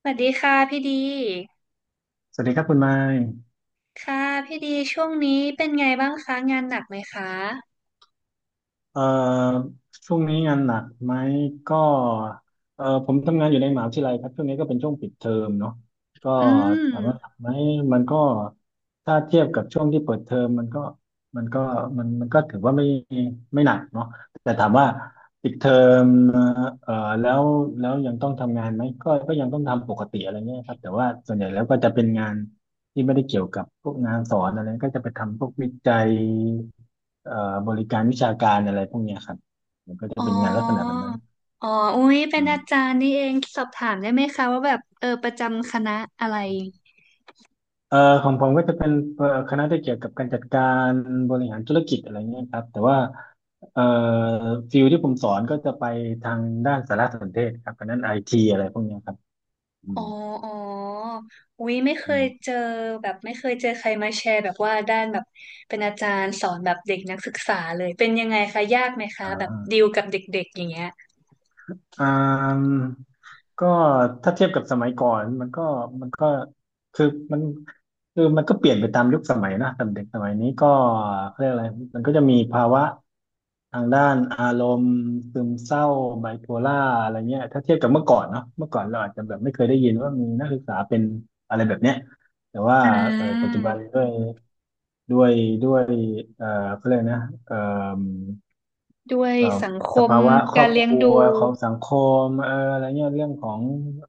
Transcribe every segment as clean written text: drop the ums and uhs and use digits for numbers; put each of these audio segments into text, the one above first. สวัสดีค่ะพี่ดี สวัสดีครับคุณไม้ค่ะพี่ดีช่วงนี้เป็นไงบ้างคะงานหนักไหมคะเอ่อช่วงนี้งานหนักไหมก็ผมทำงานอยู่ในมหาวิทยาลัยครับช่วงนี้ก็เป็นช่วงปิดเทอมเนาะก็อืถามว่าหมนักไหมมันก็ถ้าเทียบกับช่วงที่เปิดเทอมมันก็มันก็ถือว่าไม่หนักเนาะแต่ถามว่าปิดเทอมเอ่อแล้วแล้วยังต้องทำงานไหมก็ยังต้องทำปกติอะไรเงี้ยครับแต่ว่าส่วนใหญ่แล้วก็จะเป็นงาน ที่ไม่ได้เกี่ยวกับพวกงานสอนอะไรก็จะไปทำพวกวิจัยบริการวิชาการอะไรพวกเนี้ยครับมันก็จะอ๋อ เป็นงานลักษณะแบบนั้นอ๋ออุ๊ยเป็อืนอาจามรย์นี่เองสอบถามได้ไหมคะว่าแบบเออประจำคณะอะไรเอ่อของผมก็จะเป็นคณะที่เกี่ยวกับการจัดการบริหารธุรกิจอะไรเงี้ยครับแต่ว่าเอ่อฟิลที่ผมสอนก็จะไปทางด้านสารสนเทศครับคณะไอทีอะไรพวกเนี้ยครับอือ๋อมอ๋ออุ๊ยไม่เคอืยมเจอแบบไม่เคยเจอใครมาแชร์แบบว่าด้านแบบเป็นอาจารย์สอนแบบเด็กนักศึกษาเลยเป็นยังไงคะยากไหมคะอ่แบบา ดีลกับเด็กๆอย่างเงี้ยอ่าก็ถ้าเทียบกับสมัยก่อนมันก็คือมันคือมันก็เปลี่ยนไปตามยุคสมัยนะแต่เด็กสมัยนี้ก็เขาเรียกอะไรมันก็จะมีภาวะทางด้านอารมณ์ซึมเศร้าไบโพล่าอะไรเงี้ยถ้าเทียบกับเมื่อก่อนเนาะเมื่อก่อนเราอาจจะแบบไม่เคยได้ยินว่ามีนักศึกษาเป็นอะไรแบบเนี้ยแต่ว่าอ่เออปัจาจุบันด้วยด้วยเอ่อเขาเรียกนะด้วยเอ่อสังคสมภาวะครกาอรบคเลี้ยงรัวดูของสังคมอะไรเงี้ยเรื่องของ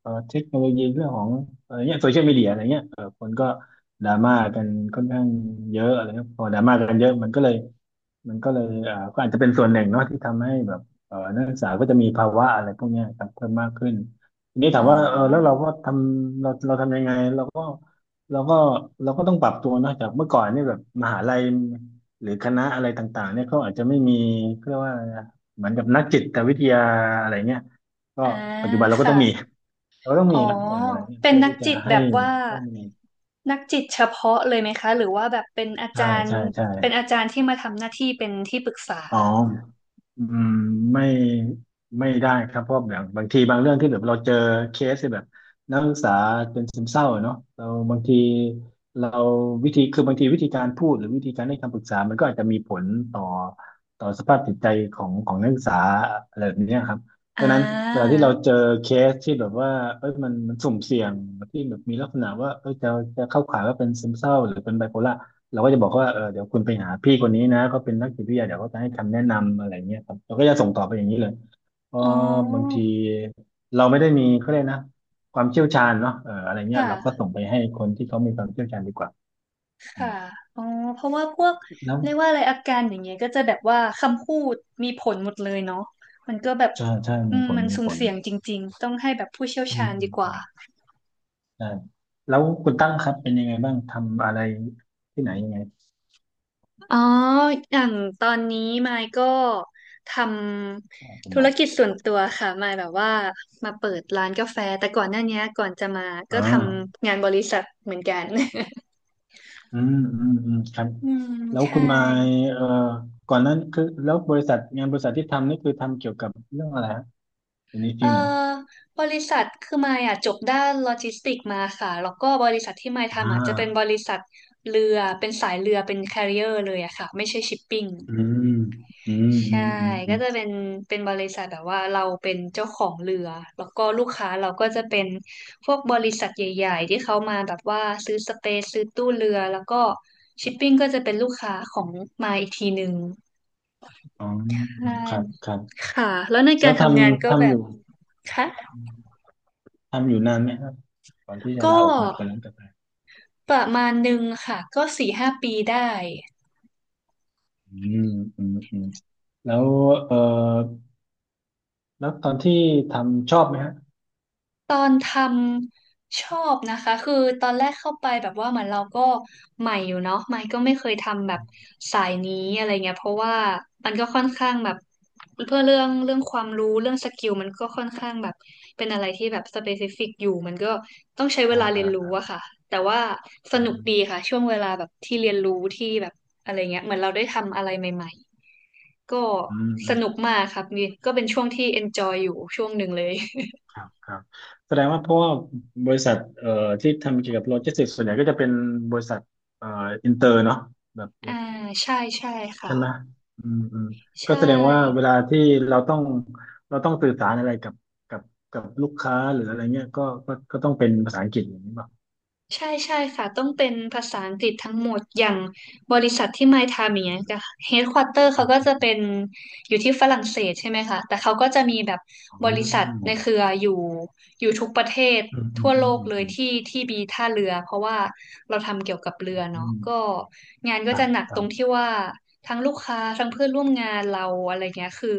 เทคโนโลยีเรื่องของอะไรเงี้ยโซเชียลมีเดียอะไรเงี้ยเออคนก็ดราม่ากันค่อนข้างเยอะอะไรเงี้ยพอดราม่ากันเยอะมันก็เลยก็อาจจะเป็นส่วนหนึ่งเนาะที่ทำให้แบบนักศึกษาก็จะมีภาวะอะไรพวกเนี้ยครับเพิ่มมากขึ้นทีนี้อ๋ถาอ มว่าเออแล้วเราก็ทำเราทำยังไงเราก็เราก็ต้องปรับตัวเนอะจากเมื่อก่อนเนี่ยแบบมหาลัยหรือคณะอะไรต่างๆเนี่ยเขาอาจจะไม่มีเขาเรียกว่าเหมือนกับนักจิตวิทยาอะไรเงี้ยก็อ่าปัจจุบันเราก็ค่ะต้องมีอ๋อนะเอออะไรเงี้ยเป็นเพื่อนักที่จะจิตให้แบบว่าข้อมูลนักจิตเฉพาะเลยไหมคะหรือว่าแบบเป็นอาใช่จารย์ใช่ เป็นอาจารย์ที่มาทำหน้าที่เป็นที่ปรึกษาอ๋ออืมไม่ไม่ได้ครับเพราะแบบบางทีบางเรื่องที่แบบเราเจอเคสที่แบบนักศึกษาเป็นซึมเศร้าอะเนาะเราบางทีเราวิธีคือบางทีวิธีการพูดหรือวิธีการให้คำปรึกษามันก็อาจจะมีผลต่อต่อสภาพจิตใจของนักศึกษาอะไรแบบเนี้ยครับเพอ่ราะฉะนั้นเวลาาที่เราเจอเคสที่แบบว่าเอ้ยมันมันสุ่มเสี่ยงที่แบบมีลักษณะว่าเอ้ยจะเข้าข่ายว่าเป็นซึมเศร้าหรือเป็นไบโพล่า เราก็จะบอกว่าเออเดี๋ยวคุณไปหาพี่คนนี้นะเขาเป็นนักจิตวิทยาเดี๋ยวเขาจะให้คำแนะนำอะไรเงี้ยครับเราก็จะส่งต่อไปอย่างนี้เลยเพราะอ๋บางอทีเราไม่ได้มีเขาเรียกนะความเชี่ยวชาญเนาะเอออะไรเงี้ยเราก็ค่ะส่งไปให้คนที่เขามีความเชี่ยวชาญดีกว่าอืมค่ะอ๋อเพราะว่าพวกแล้วเรียกว่าอะไรอาการอย่างเงี้ยก็จะแบบว่าคำพูดมีผลหมดเลยเนาะมันก็แบบใช่ใช่อืมีมผลมันมีสุ่ผมลเสี่ยงจริงๆต้องให้แบบผู้เชี่ยวอืชามญอืดีมกอืว่า มใช่แล้วคุณตั้งครับเป็นยังไงบ้าง ทำอะไรที่ไหนยังไงอ๋ออย่างตอนนี้มายก็ทคุำณธุหรมายกิจส่วนตัวค่ะมายแบบว่ามาเปิดร้านกาแฟแต่ก่อนหน้านี้ก่อนจะมาอ่ก็ทา ำงานบริษัทเหมือนกัน อืมอืมอืม ครับอืมแล้วใช่คุณมายก่อนนั้นคือแล้วบริษัทงานบริษัทที่ทำนี่คือทำเกี่ยวกับเรื่องอะไรฮะอยู่ในฟิเอ่ลไหนอบริษัทคือมายอ่ะจบด้านโลจิสติกมาค่ะแล้วก็บริษัทที่มายอ่าทำอ่ะจะเป็นบริษัทเรือเป็นสายเรือเป็นแคเร r i e r ร์เลยอะค่ะไม่ใช่ชิปปิ้ง อืมอืมอืใช่ มอืมอืก็มจะเป็นบริษัทแบบว่าเราเป็นเจ้าของเรือ แล้วก็ลูกค้าเราก็จะเป็นพวกบริษัทใหญ่ๆที่เขามาแบบว่าซื้อสเปซซื้อตู้เรือ แล้วก็ชิปปิ้งก็จะเป็นลูกค้าของมาอีกทีหนึ่งอ๋อใชครับ่ครับค่ะแล้วในกาแล้รวททำงานก็ำแบทำอบยู่ค่ะทำอยู่นานไหมครับก่อนที่จะก็ลาออกมาเปิดร้านกาแฟประมาณหนึ่งค่ะ ก็สี่ห้าปีได้ อืมอืมอืมแล้วเอ่อแล้วตอนที่ทำชอบไหมฮะตอนทำชอบนะคะคือตอนแรกเข้าไปแบบว่าเหมือนเราก็ใหม่อยู่เนาะใหม่ก็ไม่เคยทำแบบสายนี้อะไรเงี้ยเพราะว่ามันก็ค่อนข้างแบบเพื่อเรื่องความรู้เรื่องสกิลมันก็ค่อนข้างแบบเป็นอะไรที่แบบสเปซิฟิกอยู่มันก็ต้องใช้เวอ่ลาเรียนรู้าอะค่ะแต่ว่าสอืนุกดีมค่ะช่วงเวลาแบบที่เรียนรู้ที่แบบอะไรเงี้ยเหมือนเราได้ทำอะไรใหม่ๆก็อืสนุกม มากครับนี่ก็เป็นช่วงที่ enjoy อยู่ช่วงหนึ่งเลย ครับครับแสดงว่าเพราะว่าบริษัทที่ทำเกี่ยวกับโลจิสติกส์ส่วนใหญ่ก็จะเป็นบริษัทเอ่ออินเตอร์เนาะแบบอ่าใช่ใช่ค่ะใช่ไหมอืมอืมก็ใช่ แสดงว่าเวลาที่เราต้องเราต้องสื่อสารอะไรกับกับลูกค้าหรืออะไรเงี้ยก็ต้องเป็นภาษาอังกฤษอย่างนี้ป่ะใช่ใช่ค่ะต้องเป็นภาษาอังกฤษทั้งหมดอย่างบริษัทที่ไมค์ทำอย่างอเงี้ยค่ะมเฮดควอเตอร์เขาก็จะเป็นอยู่ที่ฝรั่งเศสใช่ไหมคะแต่เขาก็จะมีแบบอ๋บริษัทอในเครืออยู่ทุกประเทศอืมอืทั่มวอืโลมกเลยอืมที่ที่มีท่าเรือเพราะว่าเราทำเกี่ยวกับเรือเนาะอืมก็งานก็ครัจะบหนักคตรัรงบที่ว่าทั้งลูกค้าทั้งเพื่อนร่วมงานเราอะไรเงี้ยคือ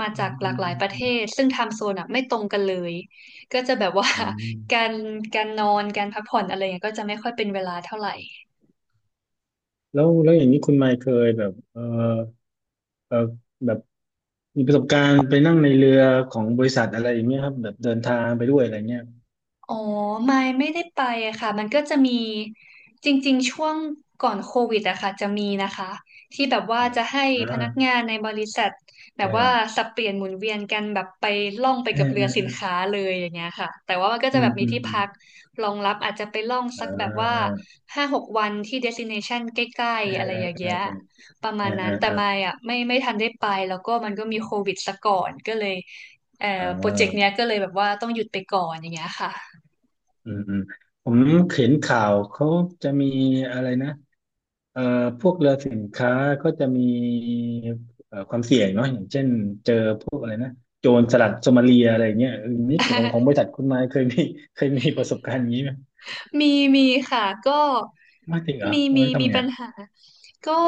มาอืจามกหลาอืกมหลายประเทอืมศซึ่งไทม์โซนอะไม่ตรงกันเลยก็จะแบบว่า อืม การการนอนการพักผ่อนอะไรเงี้ยก็จะไม่ค่อยเป็นเวลาเท่าไหร่ แล้วแล้วอย่างนี้คุณไมค์เคยแบบเออเออแบบมีประสบการณ์ไปนั่งในเรือของบริษัทอะไรอย่างเงี้ยครับแบบเดินทางไปด้วยอะไรเงี้ยอ๋อไม่ไม่ได้ไปอะค่ะมันก็จะมีจริงๆช่วงก่อนโควิดอะค่ะจะมีนะคะที่แบบว่าอืมจะให้อ่าพนักงานในบริษัทแบบว่าเออสับเปลี่ยนหมุนเวียนกันแบบไปล่องไปเอกับอเรืเอออสิเอนอค้าเลยอย่างเงี้ยค่ะแต่ว่ามันก็จะอืแบมบมีอืมที่อืมพักรองรับอาจจะไปล่องอ่สักแบบว่าาห้าหกวันที่เดสติเนชันใกล้เออๆอะไรเอออย่างเอเงี้อยเออประเอมาอณเอนั้นอแต่เออไม่อะไม่ไม่ทันได้ไปแล้วก็มันก็มีโควิดซะก่อนก็เลยเอ่ออ๋โปรเจกต์เนี้อ ยก็เลยแบบว่าต้องหยุดไปก่อนอย่างเงี้ยค่ะ อืมอืมผมเห็นข่าวเขาจะมีอะไรนะเอ่อพวกเรือสินค้าก็จะมีความเสี่ยงเนาะอย่างเช่นเจอพวกอะไรนะโจรสลัดโซมาเลียอะไรเงี้ยเออนี่ของบ ริษัทคุณนายเคยมีเคยมีประสบการณ์อย่างนี้ไหมมีมีค่ะก็ไม่จริงเหรอมีเออมีมีทำไงปัญหาก็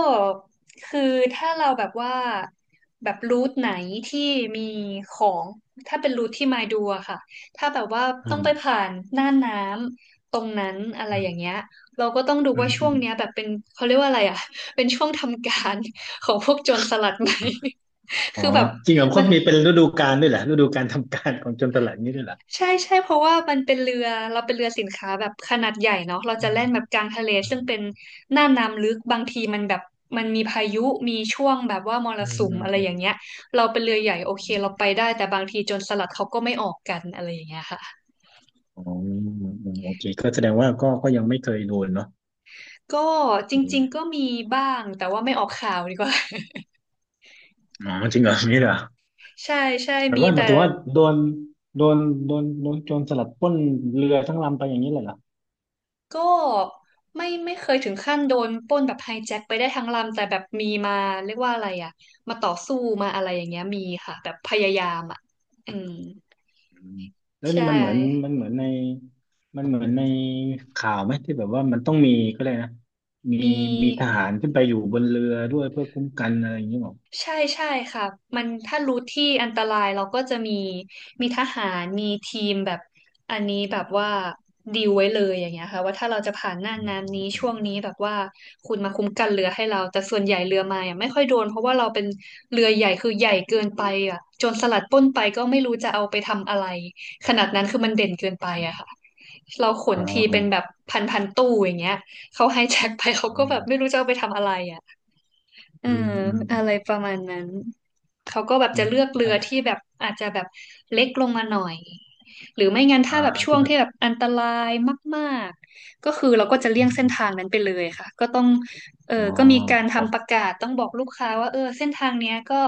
คือถ้าเราแบบว่าแบบรูทไหนที่มีของถ้าเป็นรูทที่มาดูอะค่ะถ้าแบบว่าต้อืองมไปผ่านหน้าน้ำตรงนั้นอะไรอือมย่างเงี้ยเราก็ต้องดูอืว่ามช่อืวงมเนี้ยแบบเป็นเขาเรียกว่าอะไรอะ เป็นช่วงทำการของพวกโจรสลัดไหม อ๋อคือแบบจริงเหรอมัเขาน มีเป็นฤดูกาลด้วยเหรอฤดูการทำการของโจรสลัดนี้ด้วยเหรอใช่ใช่เพราะว่ามันเป็นเรือเราเป็นเรือสินค้าแบบขนาดใหญ่เนาะเราอืจะแล่นแบมบกลางทะเลซึ่งเป็นหน้าน้ำลึกบางทีมันแบบมันมีพายุมีช่วงแบบว่ามรอืมสุมอืมอะไรอือมย่างเงี้ยเราเป็นเรือใหญ่โอเคอืเรามไปได้แต่บางทีโจรสลัดเขาก็ไม่ออกกันอะไรอย่างเงี้ยค่ะอ๋ออือืมโอเคก็แสดงว่าก็ยังไม่เคยโดนเนาะ ก็จริงๆก็มีบ้างแต่ว่าไม่ออกข่าวดีกว่า อ๋อจริงเหรอมีเหรอใช่ใช่แบบมีว่าหมาแต่ ยถึงว่าโดนโดนโจรสลัดปล้นเรือทั้งลำไปอย่างนี้เลยเหรอก็ไม่ไม่เคยถึงขั้นโดนปล้นแบบไฮแจ็คไปได้ทั้งลำแต่แบบมีมาเรียกว่าอะไรอ่ะมาต่อสู้มาอะไรอย่างเงี้ยมีค่ะแบบพยายามอ่ะอืมอืมแล้วใชนี่มันเหมือน่มันเหมือนในมันเหมือนในข่าวไหมที่แบบว่ามันต้องมีก็เลยกนะ มีมี มีทหารขึ้นไปอยู่บนเรือด้วยเพื่อคุ้มกันอะไรอย่างนี้หรอใช่ใช่ค่ะมันถ้ารู้ที่อันตรายเราก็จะมีทหารมีทีมแบบอันนี้แบบว่าดีลไว้เลยอย่างเงี้ยค่ะว่าถ้าเราจะผ่านหน้าน้ำนี้ช่วงนี้แบบว่าคุณมาคุ้มกันเรือให้เราแต่ส่วนใหญ่เรือมาอ่ะไม่ค่อยโดนเพราะว่าเราเป็นเรือใหญ่คือใหญ่เกินไปอ่ะโจรสลัดปล้นไปก็ไม่รู้จะเอาไปทำอะไรขนาดนั้นคือมันเด่นเกินไปอะค่ะเราขนอ๋อทีเป็นแบบพันตู้อย่างเงี้ยเขาไฮแจ็คไปเขาก็แบอืมบไม่รู้จะเอาไปทำอะไร เออือมอืมอือะมไรประมาณนั้นเขาก็โอแบบเคจะเลือกคเรืรัอบที่แบบอาจจะแบบเล็กลงมาหน่อย หรือไม่งั้นอ่าถ้าแบบช่วที่งแบบที่แบบอันตรายมากๆก็คือเราก็จะเลี่อืยงมเส้อืนมทางนั้นไปเลยค่ะก็ต้องเออ๋ออก็มีการครับทำประกาศต้องบอกลูกค้าว่าเออเส้นทางเนี้ยก็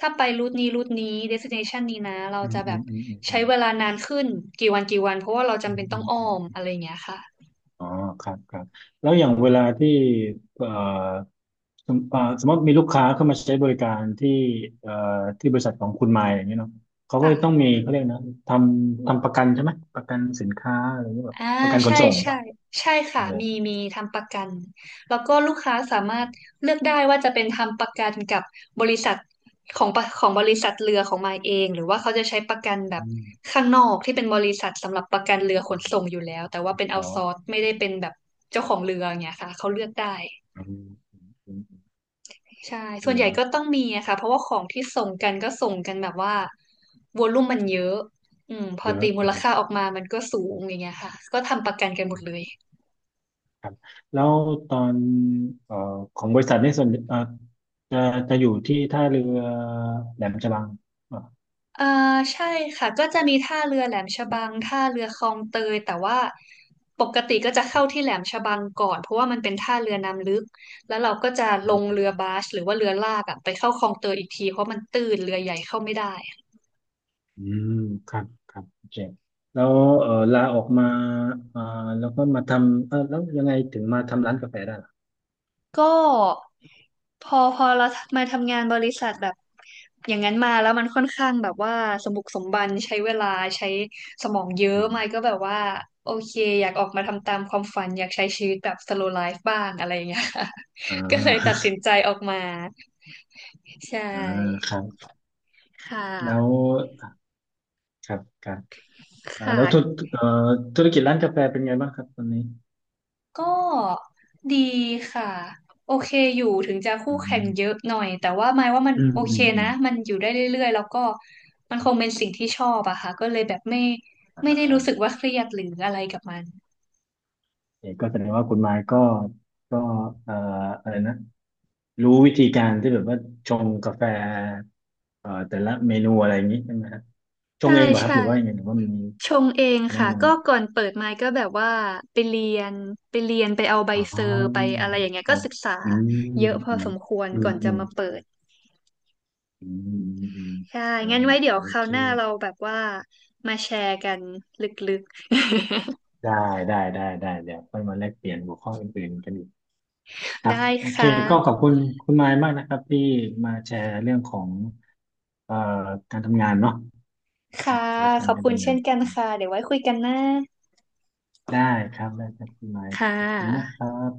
ถ้าไปรูทนี้รูทนี้ destination นี้นะเราอืมจะแบอืบมอืมอืมอืใช้มเวลานานขึ้นกี่วันกี่วันเพราะว่าเราอืจำมเป็นอืต้องอ้อมม อะไรอย่างเงี้ยค่อ๋อ ครับ ครับแล้วอย่างเวลาที่เอ่อสมสมมติมีลูกค้าเข้ามาใช้บริการที่เอ่อที่บริษัทของคุณมายอย่างเงี้ยเนาะเขาก็ต้องะ มีเขาเรียกนะททำประกันใช่ไหม ประกันสินค้าอะไรอย่างเงี้ยแบบอ่าประกันขนใช่ส่งใช่ป่ะใช่เอค่ะอมีทำประกันแล้วก็ลูกค้าสามารถเลือกได้ว่าจะเป็นทำประกันกับบริษัทของปะของบริษัทเรือของมายเองหรือว่าเขาจะใช้ประกันแบบอืมข้างนอกที่เป็นบริษัทสำหรับประกันเรือขอืนมส่งอยู่แล้วแต่ว่าเป็นเอาอ๋อซอร์ไม่ได้เป็นแบบเจ้าของเรืออย่างเงี้ยค่ะเขาเลือกได้อืมอืมอืมใช่อืส่วนมใหญ่เนอะก็ต้องมีอะค่ะเพราะว่าของที่ส่งกันก็ส่งกันแบบว่าวอลลุ่มมันเยอะอืมพอเยอะตีมูอืลมค่าออกมามันก็สูงอย่างเงี้ยค่ะก็ทำประกันกันหมดเลย ครับแล้วตอนเอ่อของบริษัทนี่ส่วนจะจะอยู่ที่ท่าเรือแหลมฉบังอเอ่อใช่ค่ะก็จะมีท่าเรือแหลมฉบังท่าเรือคลองเตยแต่ว่าปกติก็จะเข้าที่แหลมฉบังก่อนเพราะว่ามันเป็นท่าเรือน้ำลึกแล้วเราก็จะลงเรื่ะ อบาสหรือว่าเรือลากอะไปเข้าคลองเตยอีกทีเพราะมันตื้นเรือใหญ่เข้าไม่ได้อืมครับครับโอเคแล้วเออลาออกมาอ่าแล้วก็มาทำเออแล้วยังไงถึงมาทำร้านกาแฟได้ล่ะก็ พอเรามาทำงานบริษัทแบบอย่างนั้นมาแล้วมันค่อนข้างแบบว่าสมบุกสมบันใช้เวลาใช้สมองเยอะอืมมายก็แบบว่าโอเคอยากออกมาทำตามความฝันอยากใช้ชีวิตแบบ slow life บ้างอะไรอย่างเงี้ย ค่ะ อ่า ก็เลยตัด สินใจออกมาใชอ่าค่รับ ค่ะแล้วครับครับคอ่าแล้วธุร่ะ เอ่อธุรกิจร้านกาแฟเป็นไงบ้างครับตอนนี้ก็ดีค่ะโอเคอยู่ถึงจะอืคู่แข่งมเยอะหน่อยแต่ว่าหมายว่ามันอืมโออืเคมอืนะมมันอยู่ได้เรื่อยๆแล้วก็มันคงเป็นสิ่งที่ชอบอะค่ะก็เลยแบบไม่ได้อ่ารู้สึกว่าเครียดหรืออะไรกับมันเอกก็แสดงว่าคุณไม้ก็ก็เอ่ออะไรนะรู้วิธีการที่แบบว่าชงกาแฟแต่ละเมนูอะไรอย่างนี้ใช่ไหมครับชงใช่เองเหรอครับใช่หรือว่ายังไงหรือว่ามีชงเองพนักค่ะงาน ก็ก่อนเปิดไมค์ก็แบบว่าไปเรียนไปเอาใบอ๋เซอร์ไปออะไรอย่างเงี้ยคก็รับศึกษาอืเยมอะพออืสมมควรอืก่อมนจะอืมมาเปิดอืมอืมอืมใช่อ่างั้นไว้เดี๋ยโอวคราวเคหน้าเราแบบว่ามาแชร์กันลึกๆ ได้ ได้เดี๋ยวค่อยมาแลกเปลี่ยนหัวข้ออื่นๆกันอีกครัได้บโอเคค่ก็ขอบะคุณคุณไมค์มากนะครับที่มาแชร์เรื่องของเอ่อการทำงานเนาะคค่ะ รับประสบกาขรอณ์บการคุณทำงาเช่นนกันครัค่ะ บเดี๋ยวไว้คุยกันนะได้ครับได้ครับคุณไมค์ค่ขอบคุณมากคะรับ